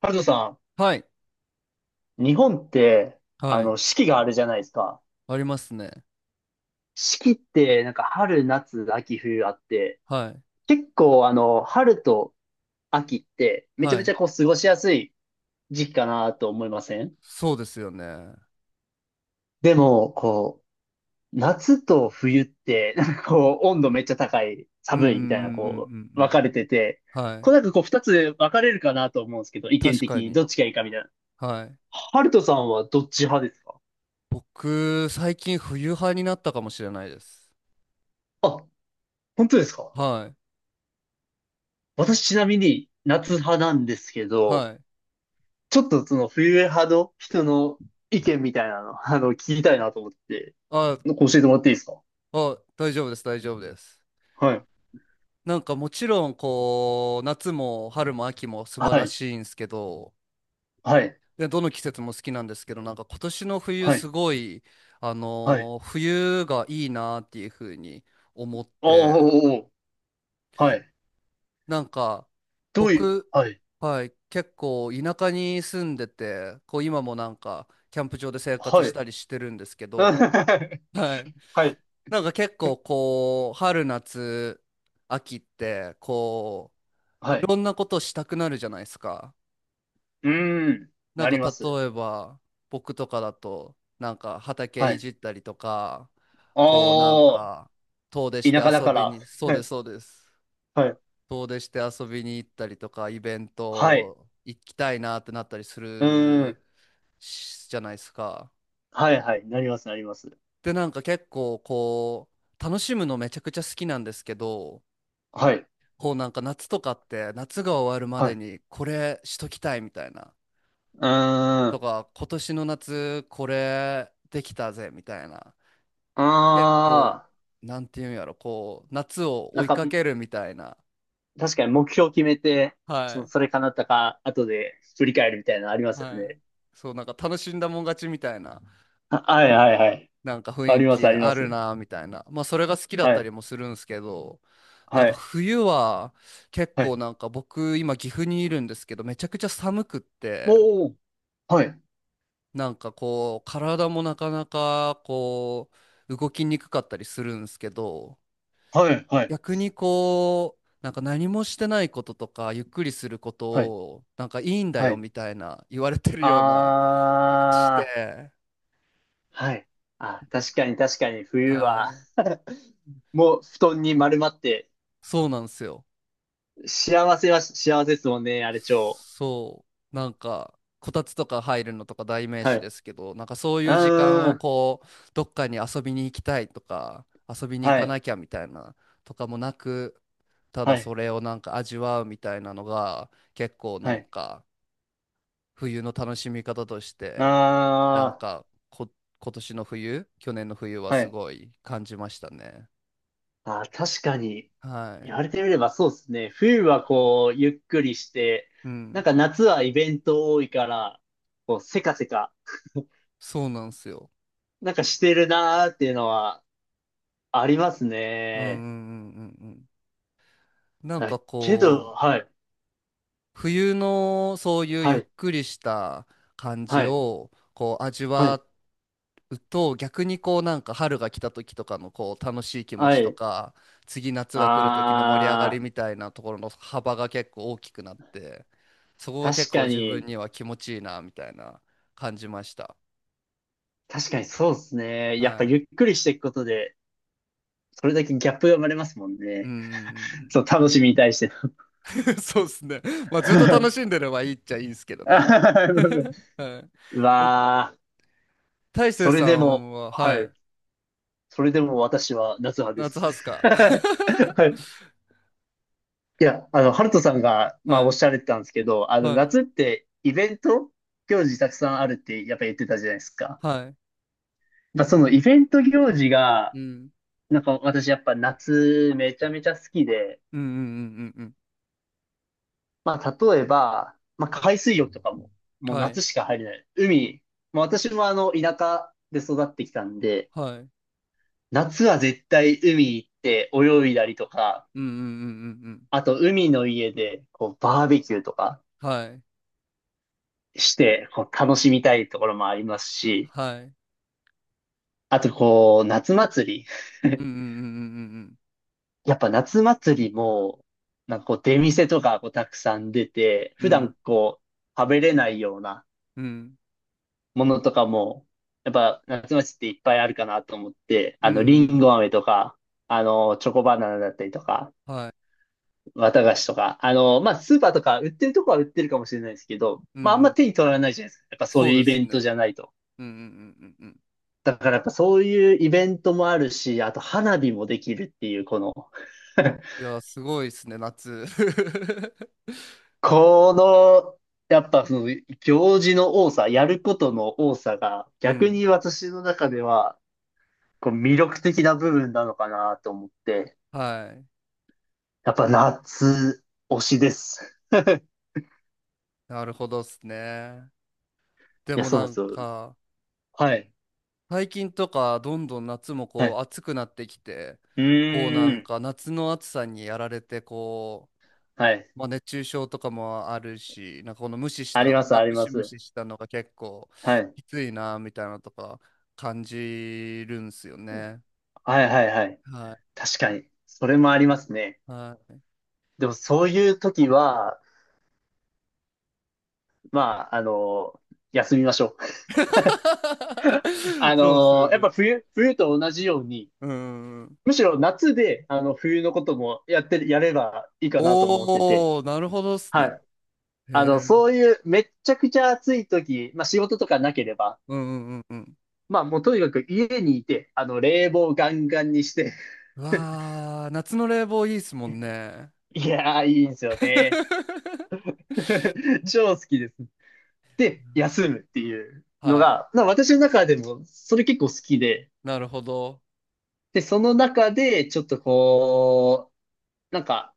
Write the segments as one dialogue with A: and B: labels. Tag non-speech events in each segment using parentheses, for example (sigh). A: ハルトさ
B: はい。
A: ん、日本って、
B: はい。
A: 四季があるじゃないですか。
B: ありますね。
A: 四季って、なんか春、夏、秋、冬あって、
B: はい。
A: 結構、春と秋って、めちゃ
B: は
A: めち
B: い。
A: ゃ過ごしやすい時期かなと思いません？
B: そうですよね。うん
A: でも、夏と冬って、なんか温度めっちゃ高い、
B: うんうん
A: 寒
B: う
A: いみたいな、
B: んうんう
A: 分
B: ん。
A: かれてて、
B: はい。
A: なんか二つ分かれるかなと思うんですけど、意見
B: 確
A: 的
B: か
A: にどっ
B: に。
A: ちがいいかみたいな。
B: はい。
A: ハルトさんはどっち派ですか？
B: 僕、最近冬派になったかもしれないです。
A: あ、本当ですか？
B: はい。
A: 私ちなみに夏派なんですけど、
B: はい。
A: ちょっとその冬派の人の意見みたいなの、(laughs) 聞きたいなと思って、
B: あ、
A: 教えてもらっていいですか？
B: あ、大丈夫です。大丈夫です。
A: はい。
B: なんかもちろん、こう、夏も春も秋も素
A: は
B: 晴ら
A: い。
B: しいんですけど、
A: はい。
B: で、どの季節も好きなんですけど、なんか今年の冬
A: は
B: す
A: い。
B: ごい、
A: はい。
B: 冬がいいなっていう風に思っ
A: お
B: て、
A: ーおーおー。はい。
B: なんか、
A: どういう、
B: 僕、
A: はい。
B: はい、結構田舎に住んでて、こう今もなんか、キャンプ場で生活
A: は
B: し
A: い。
B: たりしてるんですけど、
A: (laughs)
B: はい。
A: はい。
B: なんか結構こう、春夏、秋って、こう、
A: は
B: い
A: い。
B: ろんなことしたくなるじゃないですか。
A: うーん。
B: なん
A: な
B: か
A: ります。
B: 例えば、僕とかだと、なんか畑
A: は
B: い
A: い。
B: じったりとか、こうなん
A: ああ、
B: か、遠出して
A: 田舎だ
B: 遊
A: か
B: び
A: ら。
B: に、そう
A: は
B: で
A: い。
B: す、そうです。
A: はい。
B: 遠出して遊びに行ったりとか、イベン
A: はい。
B: ト行きたいなってなったりす
A: うー
B: る
A: ん。
B: しじゃないですか。
A: はいはい。なります、なります。
B: で、なんか結構こう、楽しむのめちゃくちゃ好きなんですけど、
A: はい。
B: こうなんか夏とかって夏が終わるま
A: はい。
B: で
A: う
B: にこれしときたいみたいな。
A: ーん。
B: と
A: あ
B: か、今年の夏これできたぜみたいな。結構、
A: あ。
B: なんていうんやろ、こう、夏を
A: な
B: 追
A: ん
B: い
A: か、
B: かけるみたいな。
A: 確かに目標を決めて、
B: はい。
A: それ叶ったか、後で振り返るみたいなのありますよ
B: はい。
A: ね。
B: そう、なんか楽しんだもん勝ちみたいな。
A: あはいはいはい。
B: なんか雰
A: あり
B: 囲
A: ます、あ
B: 気
A: りま
B: ある
A: す。
B: なみたいな。まあそれが好きだっ
A: は
B: た
A: い、
B: りもするんですけど、なん
A: は
B: か
A: い、
B: 冬は結
A: は
B: 構
A: い。
B: なんか僕今岐阜にいるんですけど、めちゃくちゃ寒くって、
A: おー、はい、
B: なんかこう体もなかなかこう動きにくかったりするんですけど、
A: はい、はい、
B: 逆にこう、なんか何もしてないこととかゆっくりすること
A: はい、
B: をなんかいいんだ
A: は
B: よ
A: い。
B: みたいな言われてる
A: あ
B: ような気がし
A: ー、
B: て、
A: はい。あ、確かに確かに冬は、
B: はい、
A: もう布団に丸まって、
B: そうなんですよ。
A: 幸せは幸せですもんね、あれ超。
B: そう、なんか、こたつとか入るのとか代名
A: は
B: 詞で
A: い。
B: すけど、なんかそう
A: う
B: いう時間
A: ー
B: を
A: ん、
B: こう、どっかに遊びに行きたいとか、遊びに行
A: は
B: か
A: い、
B: なきゃみたいなとかもなく、た
A: は
B: だ
A: い、
B: それをなんか味わうみたいなのが、結構
A: は
B: なん
A: い。
B: か、冬の楽しみ方として、なん
A: あ
B: かこ、今年の冬、去年の冬は
A: ー、は
B: す
A: い。
B: ごい感じましたね。
A: あー、確かに、
B: は
A: 言
B: い。
A: われてみればそうですね。冬はこう、ゆっくりして、
B: う
A: なん
B: ん。
A: か夏はイベント多いから、せかせか、
B: そうなんですよ。
A: なんかしてるなーっていうのはあります
B: うんう
A: ね。
B: んうんうんうん。なん
A: あ
B: か
A: けど、
B: こう、
A: はい、
B: 冬のそういうゆ
A: は
B: っ
A: い、
B: くりした感じ
A: はい、
B: をこう味
A: は
B: わ
A: い、
B: うと逆にこうなんか春が来た時とかのこう楽しい気持
A: は
B: ちと
A: い。
B: か次夏が来る時の盛り上がり
A: あ
B: みたいなところの幅が結構大きくなってそこが
A: ー、確
B: 結構
A: か
B: 自分
A: に、
B: には気持ちいいなみたいな感じました。
A: 確かにそうですね。やっぱ
B: は
A: ゆ
B: い。
A: っくりしていくことで、それだけギャップが生まれますもん
B: う
A: ね。
B: ん。
A: そう、楽しみに対しての。
B: (laughs) そうですね。まあずっと楽しんでればいいっちゃいいんですけどね。
A: (laughs)
B: (laughs) はい。
A: う
B: え
A: わー。
B: 大成
A: それ
B: さ
A: でも、
B: んは、
A: は
B: は
A: い。
B: い。
A: それでも私は夏派で
B: 夏
A: す。
B: ハス
A: (laughs)
B: か。
A: は
B: (laughs)
A: い。いや、ハルトさんが、まあ、
B: は
A: おっ
B: い、
A: しゃられてたんですけど、
B: はい、
A: 夏ってイベント行事たくさんあるって、やっぱ言ってたじゃないですか。
B: はい。
A: まあ、そのイベント行事が、
B: うん。
A: なんか私やっぱ夏めちゃめちゃ好きで、
B: うんうんうんうんうん。
A: まあ、例えば、まあ、海水浴とかも、もう
B: はい、
A: 夏しか入れない。海、まあ、私も田舎で育ってきたんで、
B: はい。
A: 夏は絶対海行って泳いだりとか、
B: うんうんうんうんうん。
A: あと、海の家で、バーベキューとか
B: はい、
A: して、楽しみたいところもありますし、
B: はい。
A: あと、夏祭り。
B: うん
A: (laughs)
B: うんうん
A: やっぱ夏祭りも、なんか出店とか、たくさん出て、
B: うん
A: 普
B: うんうん。
A: 段食べれないような
B: うん、うん、
A: ものとかも、やっぱ夏祭りっていっぱいあるかなと思って、
B: う
A: り
B: ん
A: ん
B: う
A: ご飴とか、チョコバナナだったりとか、
B: ん、はい。
A: 綿菓子とか、まあ、スーパーとか売ってるとこは売ってるかもしれないですけど、
B: うんう
A: まあ、あんま
B: ん。
A: 手に取らないじゃないですか。やっぱそう
B: そ
A: いう
B: うで
A: イベ
B: す
A: ン
B: ね。う
A: ト
B: んうん
A: じゃないと。
B: うんうんうん。
A: だからやっぱそういうイベントもあるし、あと花火もできるっていう、(laughs)
B: いや、すごいですね、夏。(laughs)
A: この、やっぱその行事の多さ、やることの多さが
B: う
A: 逆
B: ん。
A: に私の中では魅力的な部分なのかなと思って、
B: はい。
A: やっぱ夏推しです。
B: なるほどっすね。で
A: いや、
B: も
A: そうなん
B: な
A: で
B: ん
A: すよ。
B: か、
A: はい。
B: 最近とかどんどん夏も
A: は
B: こう
A: い。
B: 暑くなってきて
A: う
B: こうな
A: ー
B: ん
A: ん。
B: か夏の暑さにやられてこ
A: はい。
B: う、まあ、熱中症とかもあるしなんかこの無視し
A: あり
B: た、
A: ます、
B: まあ、
A: あり
B: ム
A: ま
B: シム
A: す。
B: シしたのが結構
A: はい。
B: きついなみたいなのとか感じるんすよね。
A: はい、はい、はい。
B: は
A: 確かに。それもありますね。
B: いはい
A: でもそういう時は、まあ、休みましょう。(laughs)
B: (laughs) そうっすよ
A: やっ
B: ね。
A: ぱ冬と同じように、
B: うんん。
A: むしろ夏で、冬のこともやってる、やればいいかなと思ってて、
B: おー、なるほどっすね。
A: はい。
B: へえ。
A: そういうめっちゃくちゃ暑い時、まあ仕事とかなければ、
B: うんうんうんうん。
A: まあもうとにかく家にいて、冷房ガンガンにして、
B: う
A: (laughs)
B: わー、夏の冷房いいっすもんね。
A: いやー、いいんですよね。
B: (laughs)
A: (laughs) 超好きです。で、休むっていうの
B: はい。
A: が、まあ私の中でもそれ結構好きで、
B: なるほど。
A: で、その中でちょっとなんか、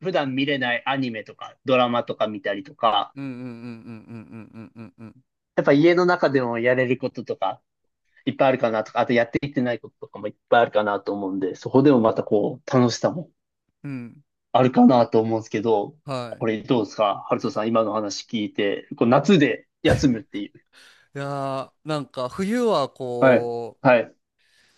A: 普段見れないアニメとか、ドラマとか見たりとか、
B: うんうんうんうんうんうんうんうんうん。
A: やっぱ家の中でもやれることとか、いっぱいあるかなとか、あとやっていってないこととかもいっぱいあるかなと思うんで、そこでもまた楽しさも
B: うん
A: あるかなと思うんですけど、
B: はい。
A: これどうですかハルトさん、今の話聞いて、夏で休むっていう。
B: いやー、なんか冬は
A: はい、
B: こ
A: は
B: う、
A: い、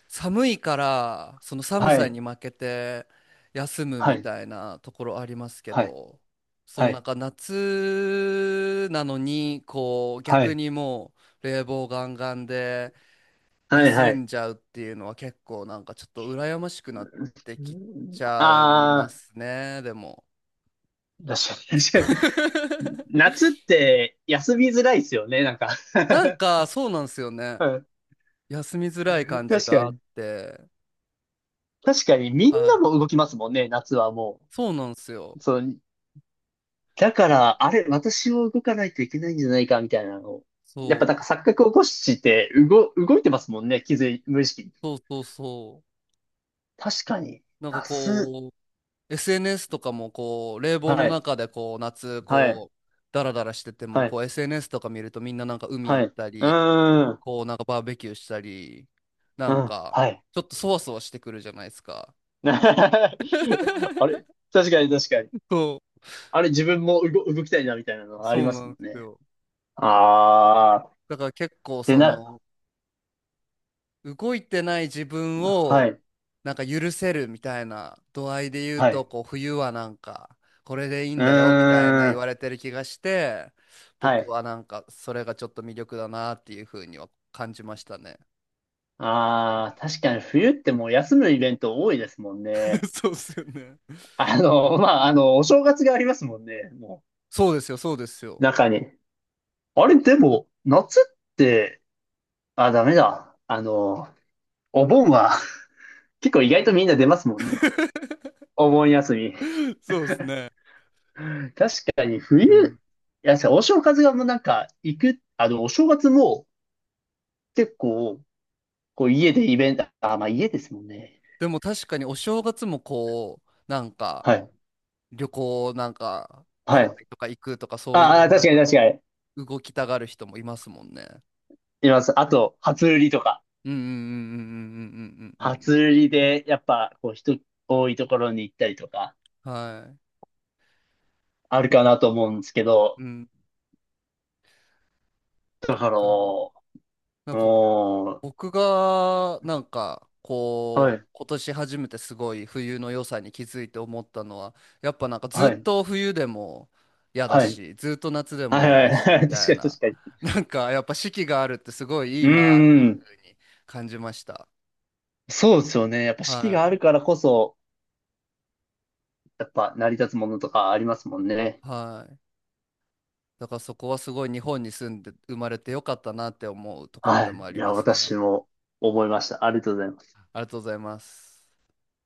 B: 寒いから、その寒
A: は
B: さ
A: い、
B: に負けて休む
A: は
B: み
A: い、
B: たいなところありますけ
A: はい、
B: ど、そ
A: は
B: のなん
A: い、
B: か夏なのに、こう、
A: は
B: 逆
A: い、
B: にもう冷房ガンガンで
A: はい、は
B: 休
A: い。
B: んじゃうっていうのは結構なんかちょっと羨ましくなってきちゃいま
A: あ
B: すね、でも。
A: ー、確かに、確かに。
B: (laughs)
A: 夏って休みづらいですよね、なんか。
B: なん
A: (laughs)
B: か、そうなんですよね。休みづらい感じ
A: 確か
B: があっ
A: に。
B: て。
A: 確かに、みん
B: は
A: な
B: い。
A: も動きますもんね、夏はも
B: そうなんですよ。
A: う。そう、だから、あれ、私も動かないといけないんじゃないか、みたいなのを。やっ
B: そ
A: ぱなん
B: う。
A: か錯覚を起こして、動いてますもんね、気づい、無意識に。
B: そうそうそ
A: 確かに、
B: う。なんか
A: 安っ。
B: こう、SNS とかもこう、冷
A: は
B: 房の
A: い、
B: 中でこう、夏、
A: はい、
B: こう、ダラダラしてても、
A: はい、
B: こう、SNS とか見るとみんななんか海
A: は
B: 行
A: い。
B: っ
A: う
B: たり、
A: ーん、
B: こう、なんかバーベキューしたり、な
A: う
B: ん
A: ん、
B: か、
A: はい。
B: ちょっとそわそわしてくるじゃないですか。
A: (laughs) あれ、
B: (laughs)
A: 確かに確かに。
B: そ
A: あれ、自分も動きたいな、みたいなの
B: う、
A: はあり
B: そう
A: ます
B: なん
A: も
B: で
A: ん
B: す
A: ね。
B: よ。
A: あー、っ
B: だから結構
A: て
B: そ
A: な、
B: の動いてない自分
A: は
B: を
A: い、
B: なんか許せるみたいな度合いで言う
A: は
B: と、
A: い。
B: こう冬はなんかこれでいい
A: う
B: ん
A: ー
B: だよみたいな言
A: ん、
B: われてる気がして、
A: は
B: 僕
A: い。
B: はなんかそれがちょっと魅力だなっていうふうには感じましたね。
A: ああ、確かに冬ってもう休むイベント多いですもんね。
B: (laughs) そうですよね。
A: (laughs) まあ、お正月がありますもんね、も
B: そうですよ、そうです
A: う、
B: よ。
A: 中に。あれ、でも、夏って、あ、ダメだ。お盆は (laughs) 結構意外とみんな出ますもんね。
B: (laughs)
A: お盆休み。
B: そうですね。
A: 確かに冬、い
B: うん。
A: や、お正月がもうなんか、お正月も結構、こう家でイベント、あ、まあ家ですもんね。
B: でも確かにお正月もこう、なんか
A: はい。
B: 旅行なんかハ
A: は
B: ワ
A: い。
B: イとか行くとかそう
A: あ
B: いう
A: あ、
B: な
A: 確
B: ん
A: かに確
B: か
A: かに。
B: 動きたがる人もいますもんね。
A: います。あと、初売りとか。
B: うんうんうんうんうんうんうんうん
A: 初売りで、やっぱ、人多いところに行ったりとか、
B: うん。はい。
A: あるかなと思うんですけど、
B: うん、
A: だ
B: だ
A: から、
B: から、
A: う
B: なんか
A: ー
B: 僕が、なんか
A: は
B: こ
A: い、
B: う、今年初めてすごい冬の良さに気づいて思ったのは、やっぱなんかずっ
A: はい、
B: と冬でも嫌だ
A: はい、
B: し、ずっと夏でも
A: はい、
B: 嫌
A: は
B: だ
A: い、
B: し、
A: は
B: み
A: い (laughs) 確
B: たい
A: かに
B: な、
A: 確かに。
B: (laughs) なんかやっぱ四季があるってすごいい
A: う
B: いなってい
A: んう
B: う
A: ん、
B: ふうに感じました。
A: そうですよね。やっぱ四季があ
B: は
A: るからこそ、やっぱ成り立つものとかありますもんね。
B: い。はい。だからそこはすごい日本に住んで生まれてよかったなって思うところ
A: は
B: で
A: い。
B: もあ
A: い
B: り
A: や、
B: ます
A: 私
B: ね。
A: も思いました。ありがとうございます。
B: ありがとうございます。